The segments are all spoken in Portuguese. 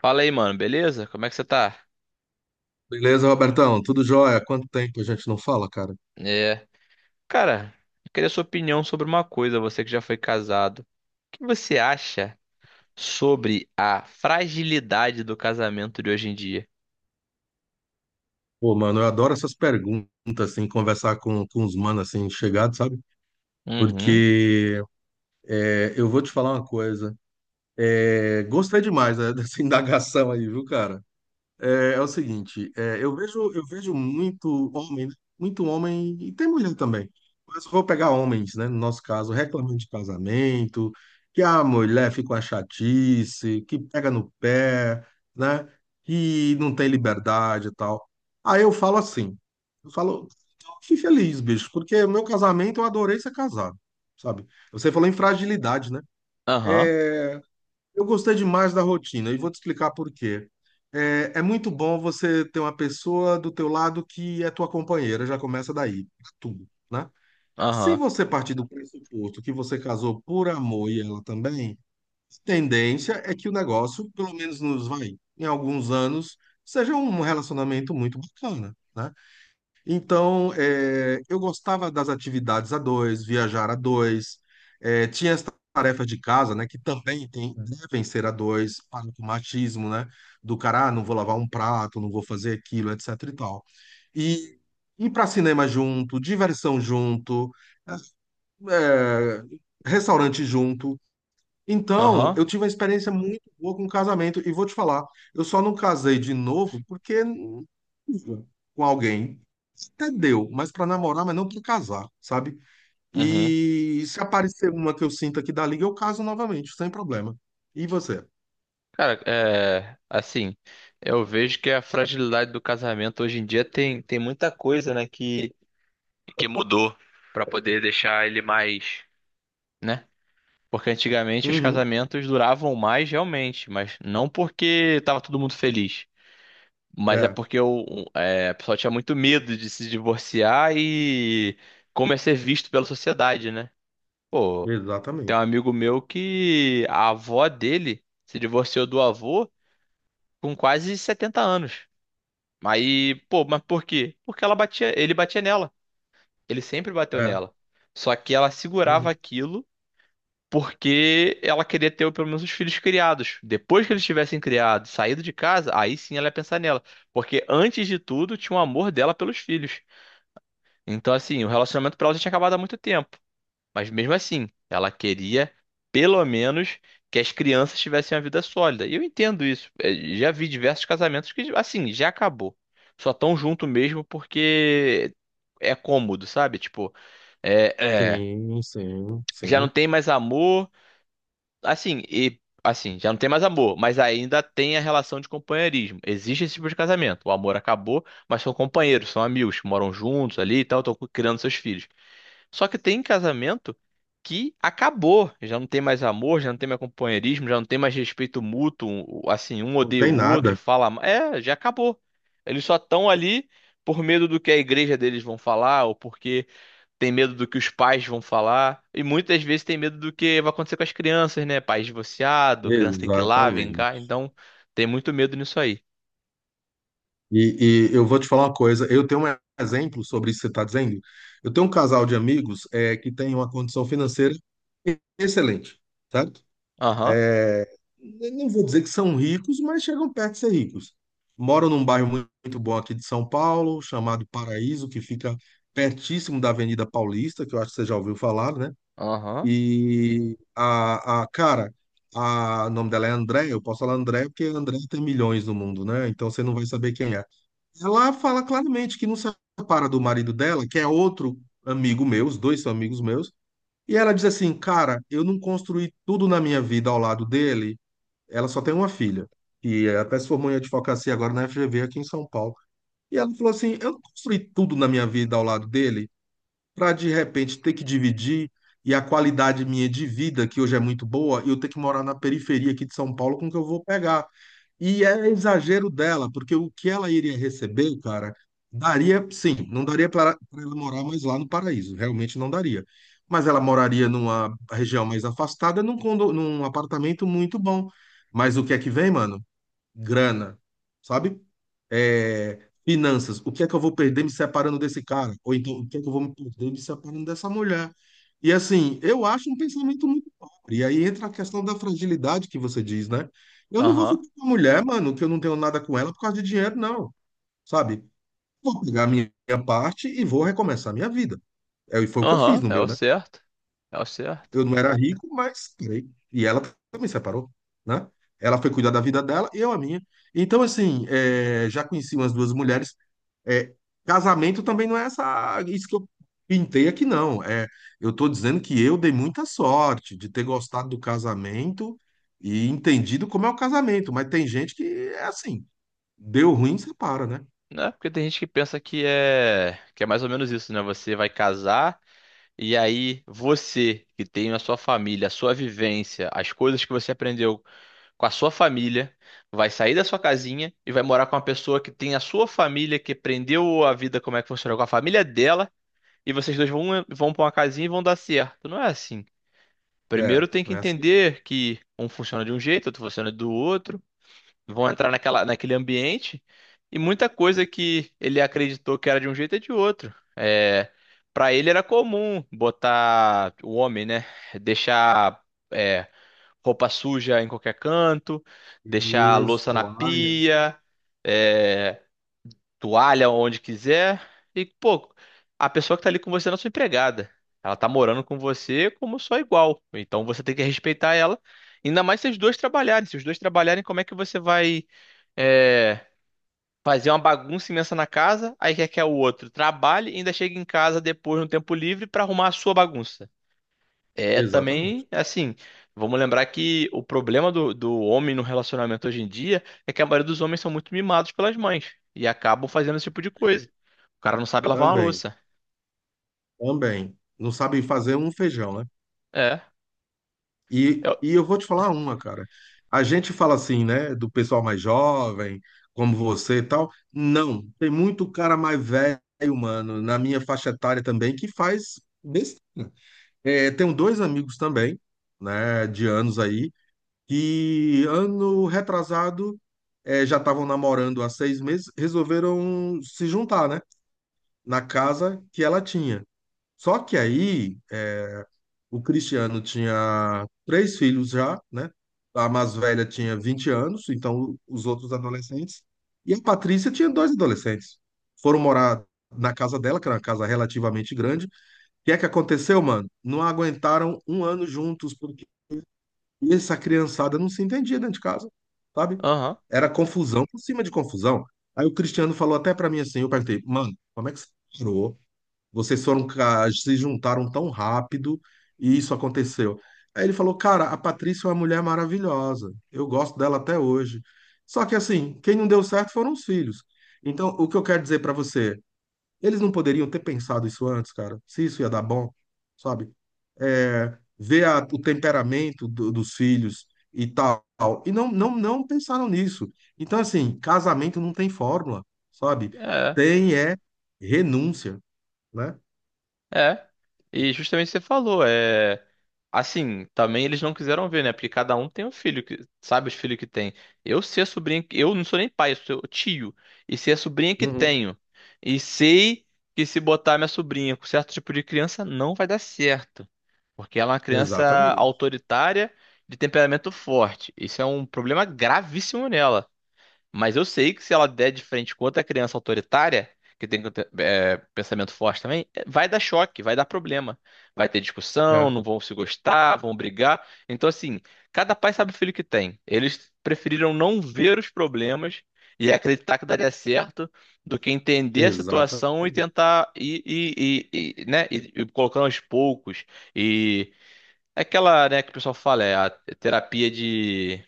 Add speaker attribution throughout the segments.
Speaker 1: Fala aí, mano, beleza? Como é que você tá?
Speaker 2: Beleza, Robertão? Tudo jóia? Quanto tempo a gente não fala, cara?
Speaker 1: É. Cara, eu queria sua opinião sobre uma coisa, você que já foi casado. O que você acha sobre a fragilidade do casamento de hoje em dia?
Speaker 2: Pô, mano, eu adoro essas perguntas, assim, conversar com os manos, assim, chegados, sabe?
Speaker 1: Uhum.
Speaker 2: Porque eu vou te falar uma coisa. É, gostei demais, né, dessa indagação aí, viu, cara? É, o seguinte, eu vejo muito homem, né? Muito homem, e tem mulher também, mas vou pegar homens, né? No nosso caso, reclamando de casamento, que a mulher fica uma chatice, que pega no pé, né? Que não tem liberdade e tal. Aí eu falo, fui feliz, bicho, porque meu casamento eu adorei ser casado, sabe? Você falou em fragilidade, né?
Speaker 1: Aham.
Speaker 2: É, eu gostei demais da rotina e vou te explicar por quê. É muito bom você ter uma pessoa do teu lado que é tua companheira, já começa daí, tudo, né? Se
Speaker 1: Aham.
Speaker 2: você partir do pressuposto que você casou por amor e ela também, a tendência é que o negócio, pelo menos nos vai, em alguns anos, seja um relacionamento muito bacana, né? Então, eu gostava das atividades a dois, viajar a dois, tinha as tarefas de casa, né, que também devem ser a dois, para o machismo, né, do cara, ah, não vou lavar um prato, não vou fazer aquilo, etc e tal. E ir para cinema junto, diversão junto, eh, eh, restaurante junto, então,
Speaker 1: Aham.
Speaker 2: eu tive uma experiência muito boa com casamento e vou te falar, eu só não casei de novo porque tive com alguém. Até deu, mas para namorar, mas não para casar, sabe?
Speaker 1: Uhum.
Speaker 2: E se aparecer uma que eu sinta que dá liga, eu caso novamente, sem problema. E você?
Speaker 1: Cara, é. Assim, eu vejo que a fragilidade do casamento hoje em dia tem muita coisa, né, que mudou pra poder deixar ele mais, né? Porque antigamente os
Speaker 2: Uhum.
Speaker 1: casamentos duravam mais realmente, mas não porque tava todo mundo feliz. Mas é
Speaker 2: É,
Speaker 1: porque a pessoa tinha muito medo de se divorciar e como é ser visto pela sociedade, né? Pô, tem um
Speaker 2: exatamente.
Speaker 1: amigo meu que a avó dele se divorciou do avô com quase 70 anos. Aí, pô, mas por quê? Porque ela batia, ele batia nela. Ele sempre bateu
Speaker 2: É.
Speaker 1: nela. Só que ela segurava
Speaker 2: Uhum.
Speaker 1: aquilo porque ela queria ter pelo menos os filhos criados. Depois que eles tivessem criado, saído de casa, aí sim ela ia pensar nela. Porque antes de tudo, tinha o amor dela pelos filhos. Então, assim, o relacionamento pra ela já tinha acabado há muito tempo. Mas mesmo assim, ela queria, pelo menos, que as crianças tivessem uma vida sólida. E eu entendo isso. É, já vi diversos casamentos que, assim, já acabou. Só tão junto mesmo porque é cômodo, sabe? Tipo, é, é,
Speaker 2: Sim, sim,
Speaker 1: já não
Speaker 2: sim.
Speaker 1: tem mais amor. Assim, e assim, já não tem mais amor, mas ainda tem a relação de companheirismo. Existe esse tipo de casamento. O amor acabou, mas são companheiros, são amigos, moram juntos ali e tal, estão criando seus filhos. Só que tem casamento que acabou, já não tem mais amor, já não tem mais companheirismo, já não tem mais respeito mútuo, assim, um
Speaker 2: Não
Speaker 1: odeia o
Speaker 2: tem
Speaker 1: outro,
Speaker 2: nada.
Speaker 1: fala, já acabou. Eles só estão ali por medo do que a igreja deles vão falar ou porque tem medo do que os pais vão falar, e muitas vezes tem medo do que vai acontecer com as crianças, né? Pais divorciados, criança tem que ir lá, vem cá,
Speaker 2: Exatamente.
Speaker 1: então tem muito medo nisso aí.
Speaker 2: E eu vou te falar uma coisa, eu tenho um exemplo sobre isso que você está dizendo. Eu tenho um casal de amigos que tem uma condição financeira excelente, certo?
Speaker 1: Aham,
Speaker 2: É, eu não vou dizer que são ricos, mas chegam perto de ser ricos. Moram num bairro muito bom aqui de São Paulo, chamado Paraíso, que fica pertíssimo da Avenida Paulista, que eu acho que você já ouviu falar, né?
Speaker 1: aham,
Speaker 2: E o nome dela é André, eu posso falar André porque André tem milhões no mundo, né? Então você não vai saber quem é. Ela fala claramente que não se separa do marido dela, que é outro amigo meu, os dois são amigos meus. E ela diz assim: Cara, eu não construí tudo na minha vida ao lado dele. Ela só tem uma filha, que até se formou em advocacia agora na FGV aqui em São Paulo. E ela falou assim: Eu não construí tudo na minha vida ao lado dele para de repente ter que dividir e a qualidade minha de vida, que hoje é muito boa, eu ter que morar na periferia aqui de São Paulo com o que eu vou pegar. E é exagero dela, porque o que ela iria receber, cara, daria, sim, não daria para ela morar mais lá no Paraíso, realmente não daria. Mas ela moraria numa região mais afastada, num apartamento muito bom. Mas o que é que vem, mano? Grana, sabe? É, finanças, o que é que eu vou perder me separando desse cara? Ou então, o que é que eu vou me perder me separando dessa mulher? E assim, eu acho um pensamento muito pobre. E aí entra a questão da fragilidade que você diz, né? Eu não vou
Speaker 1: aham,
Speaker 2: ficar com a mulher, mano, que eu não tenho nada com ela por causa de dinheiro, não, sabe? Vou pegar a minha parte e vou recomeçar a minha vida. É, e foi o que eu fiz
Speaker 1: aham,
Speaker 2: no
Speaker 1: é o
Speaker 2: meu, né?
Speaker 1: certo, é o certo.
Speaker 2: Eu não era rico, mas casei. E ela também separou, né? Ela foi cuidar da vida dela e eu a minha. Então, assim, já conheci umas duas mulheres. É, casamento também não é essa, isso que eu pintei aqui, não. É, eu estou dizendo que eu dei muita sorte de ter gostado do casamento e entendido como é o casamento. Mas tem gente que é assim, deu ruim, separa, né?
Speaker 1: Né? Porque tem gente que pensa que é mais ou menos isso, né? Você vai casar e aí você que tem a sua família, a sua vivência, as coisas que você aprendeu com a sua família, vai sair da sua casinha e vai morar com uma pessoa que tem a sua família, que aprendeu a vida como é que funciona com a família dela, e vocês dois vão para uma casinha e vão dar certo. Não é assim.
Speaker 2: É,
Speaker 1: Primeiro tem que
Speaker 2: não é assim.
Speaker 1: entender que um funciona de um jeito, outro funciona do outro, vão entrar naquela, naquele ambiente e muita coisa que ele acreditou que era de um jeito é de outro. É, para ele era comum botar o homem, né? Deixar. É, roupa suja em qualquer canto, deixar a
Speaker 2: Isso,
Speaker 1: louça na
Speaker 2: toalha.
Speaker 1: pia, é, toalha onde quiser. E, pô, a pessoa que tá ali com você não é sua empregada. Ela tá morando com você como sua igual. Então você tem que respeitar ela. Ainda mais se os dois trabalharem. Se os dois trabalharem, como é que você vai, é, fazer uma bagunça imensa na casa, aí quer que o outro trabalhe e ainda chegue em casa depois no tempo livre pra arrumar a sua bagunça? É
Speaker 2: Exatamente.
Speaker 1: também, assim, vamos lembrar que o problema do, do homem no relacionamento hoje em dia é que a maioria dos homens são muito mimados pelas mães e acabam fazendo esse tipo de coisa. O cara não sabe lavar uma
Speaker 2: Também,
Speaker 1: louça.
Speaker 2: também. Não sabe fazer um feijão, né?
Speaker 1: É,
Speaker 2: E,
Speaker 1: eu,
Speaker 2: e eu vou te falar uma, cara. A gente fala assim, né, do pessoal mais jovem, como você e tal. Não, tem muito cara mais velho, mano, na minha faixa etária também, que faz. É, tenho dois amigos também, né, de anos aí, que ano retrasado já estavam namorando há 6 meses, resolveram se juntar, né, na casa que ela tinha. Só que aí, o Cristiano tinha três filhos já, né? A mais velha tinha 20 anos, então os outros adolescentes. E a Patrícia tinha dois adolescentes. Foram morar na casa dela, que era uma casa relativamente grande. O que é que aconteceu, mano? Não aguentaram um ano juntos, porque essa criançada não se entendia dentro de casa, sabe?
Speaker 1: aham,
Speaker 2: Era confusão por cima de confusão. Aí o Cristiano falou até pra mim assim, eu perguntei, mano, como é que você parou? Vocês foram, se juntaram tão rápido e isso aconteceu. Aí ele falou, cara, a Patrícia é uma mulher maravilhosa. Eu gosto dela até hoje. Só que assim, quem não deu certo foram os filhos. Então, o que eu quero dizer pra você, eles não poderiam ter pensado isso antes, cara. Se isso ia dar bom, sabe? É, ver o temperamento dos filhos e tal. E não, não, não pensaram nisso. Então, assim, casamento não tem fórmula, sabe? Tem é renúncia, né?
Speaker 1: É. E justamente você falou. Assim, também eles não quiseram ver, né? Porque cada um tem um filho, que sabe os filhos que tem. Eu ser a sobrinha, eu não sou nem pai, eu sou tio. E ser a sobrinha que
Speaker 2: Uhum.
Speaker 1: tenho. E sei que se botar minha sobrinha com certo tipo de criança, não vai dar certo. Porque ela é uma criança
Speaker 2: Exatamente.
Speaker 1: autoritária, de temperamento forte. Isso é um problema gravíssimo nela. Mas eu sei que se ela der de frente com outra criança autoritária, que tem pensamento forte também, vai dar choque, vai dar problema. Vai ter
Speaker 2: É.
Speaker 1: discussão, não vão se gostar, vão brigar. Então, assim, cada pai sabe o filho que tem. Eles preferiram não ver os problemas e acreditar que daria certo do que entender a situação e
Speaker 2: Exatamente.
Speaker 1: tentar ir, né, ir colocando aos poucos. E é aquela, né, que o pessoal fala, é a terapia de.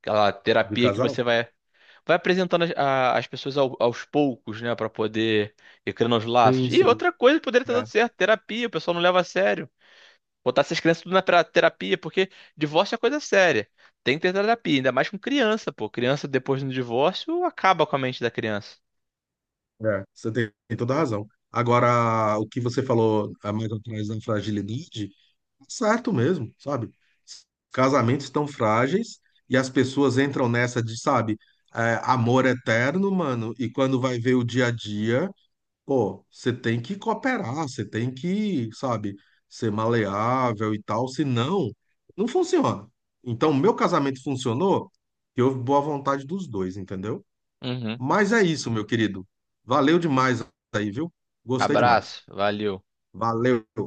Speaker 1: Aquela
Speaker 2: De
Speaker 1: terapia que
Speaker 2: casal?
Speaker 1: você vai apresentando as, as pessoas aos poucos, né, pra poder ir criando os laços.
Speaker 2: Sim,
Speaker 1: E
Speaker 2: sim.
Speaker 1: outra coisa que poderia ter dado
Speaker 2: É,
Speaker 1: certo, terapia, o pessoal não leva a sério. Botar essas crianças tudo na terapia, porque divórcio é coisa séria. Tem que ter terapia, ainda mais com criança, pô. Criança depois do divórcio acaba com a mente da criança.
Speaker 2: é. Você tem toda a razão. Agora, o que você falou a mais atrás da fragilidade, tá certo mesmo, sabe? Casamentos estão frágeis e as pessoas entram nessa de, sabe, amor eterno, mano, e quando vai ver o dia a dia. Pô, você tem que cooperar, você tem que, sabe, ser maleável e tal, senão não funciona. Então, meu casamento funcionou, e houve boa vontade dos dois, entendeu?
Speaker 1: Uhum.
Speaker 2: Mas é isso, meu querido. Valeu demais aí, viu? Gostei demais.
Speaker 1: Abraço, valeu.
Speaker 2: Valeu.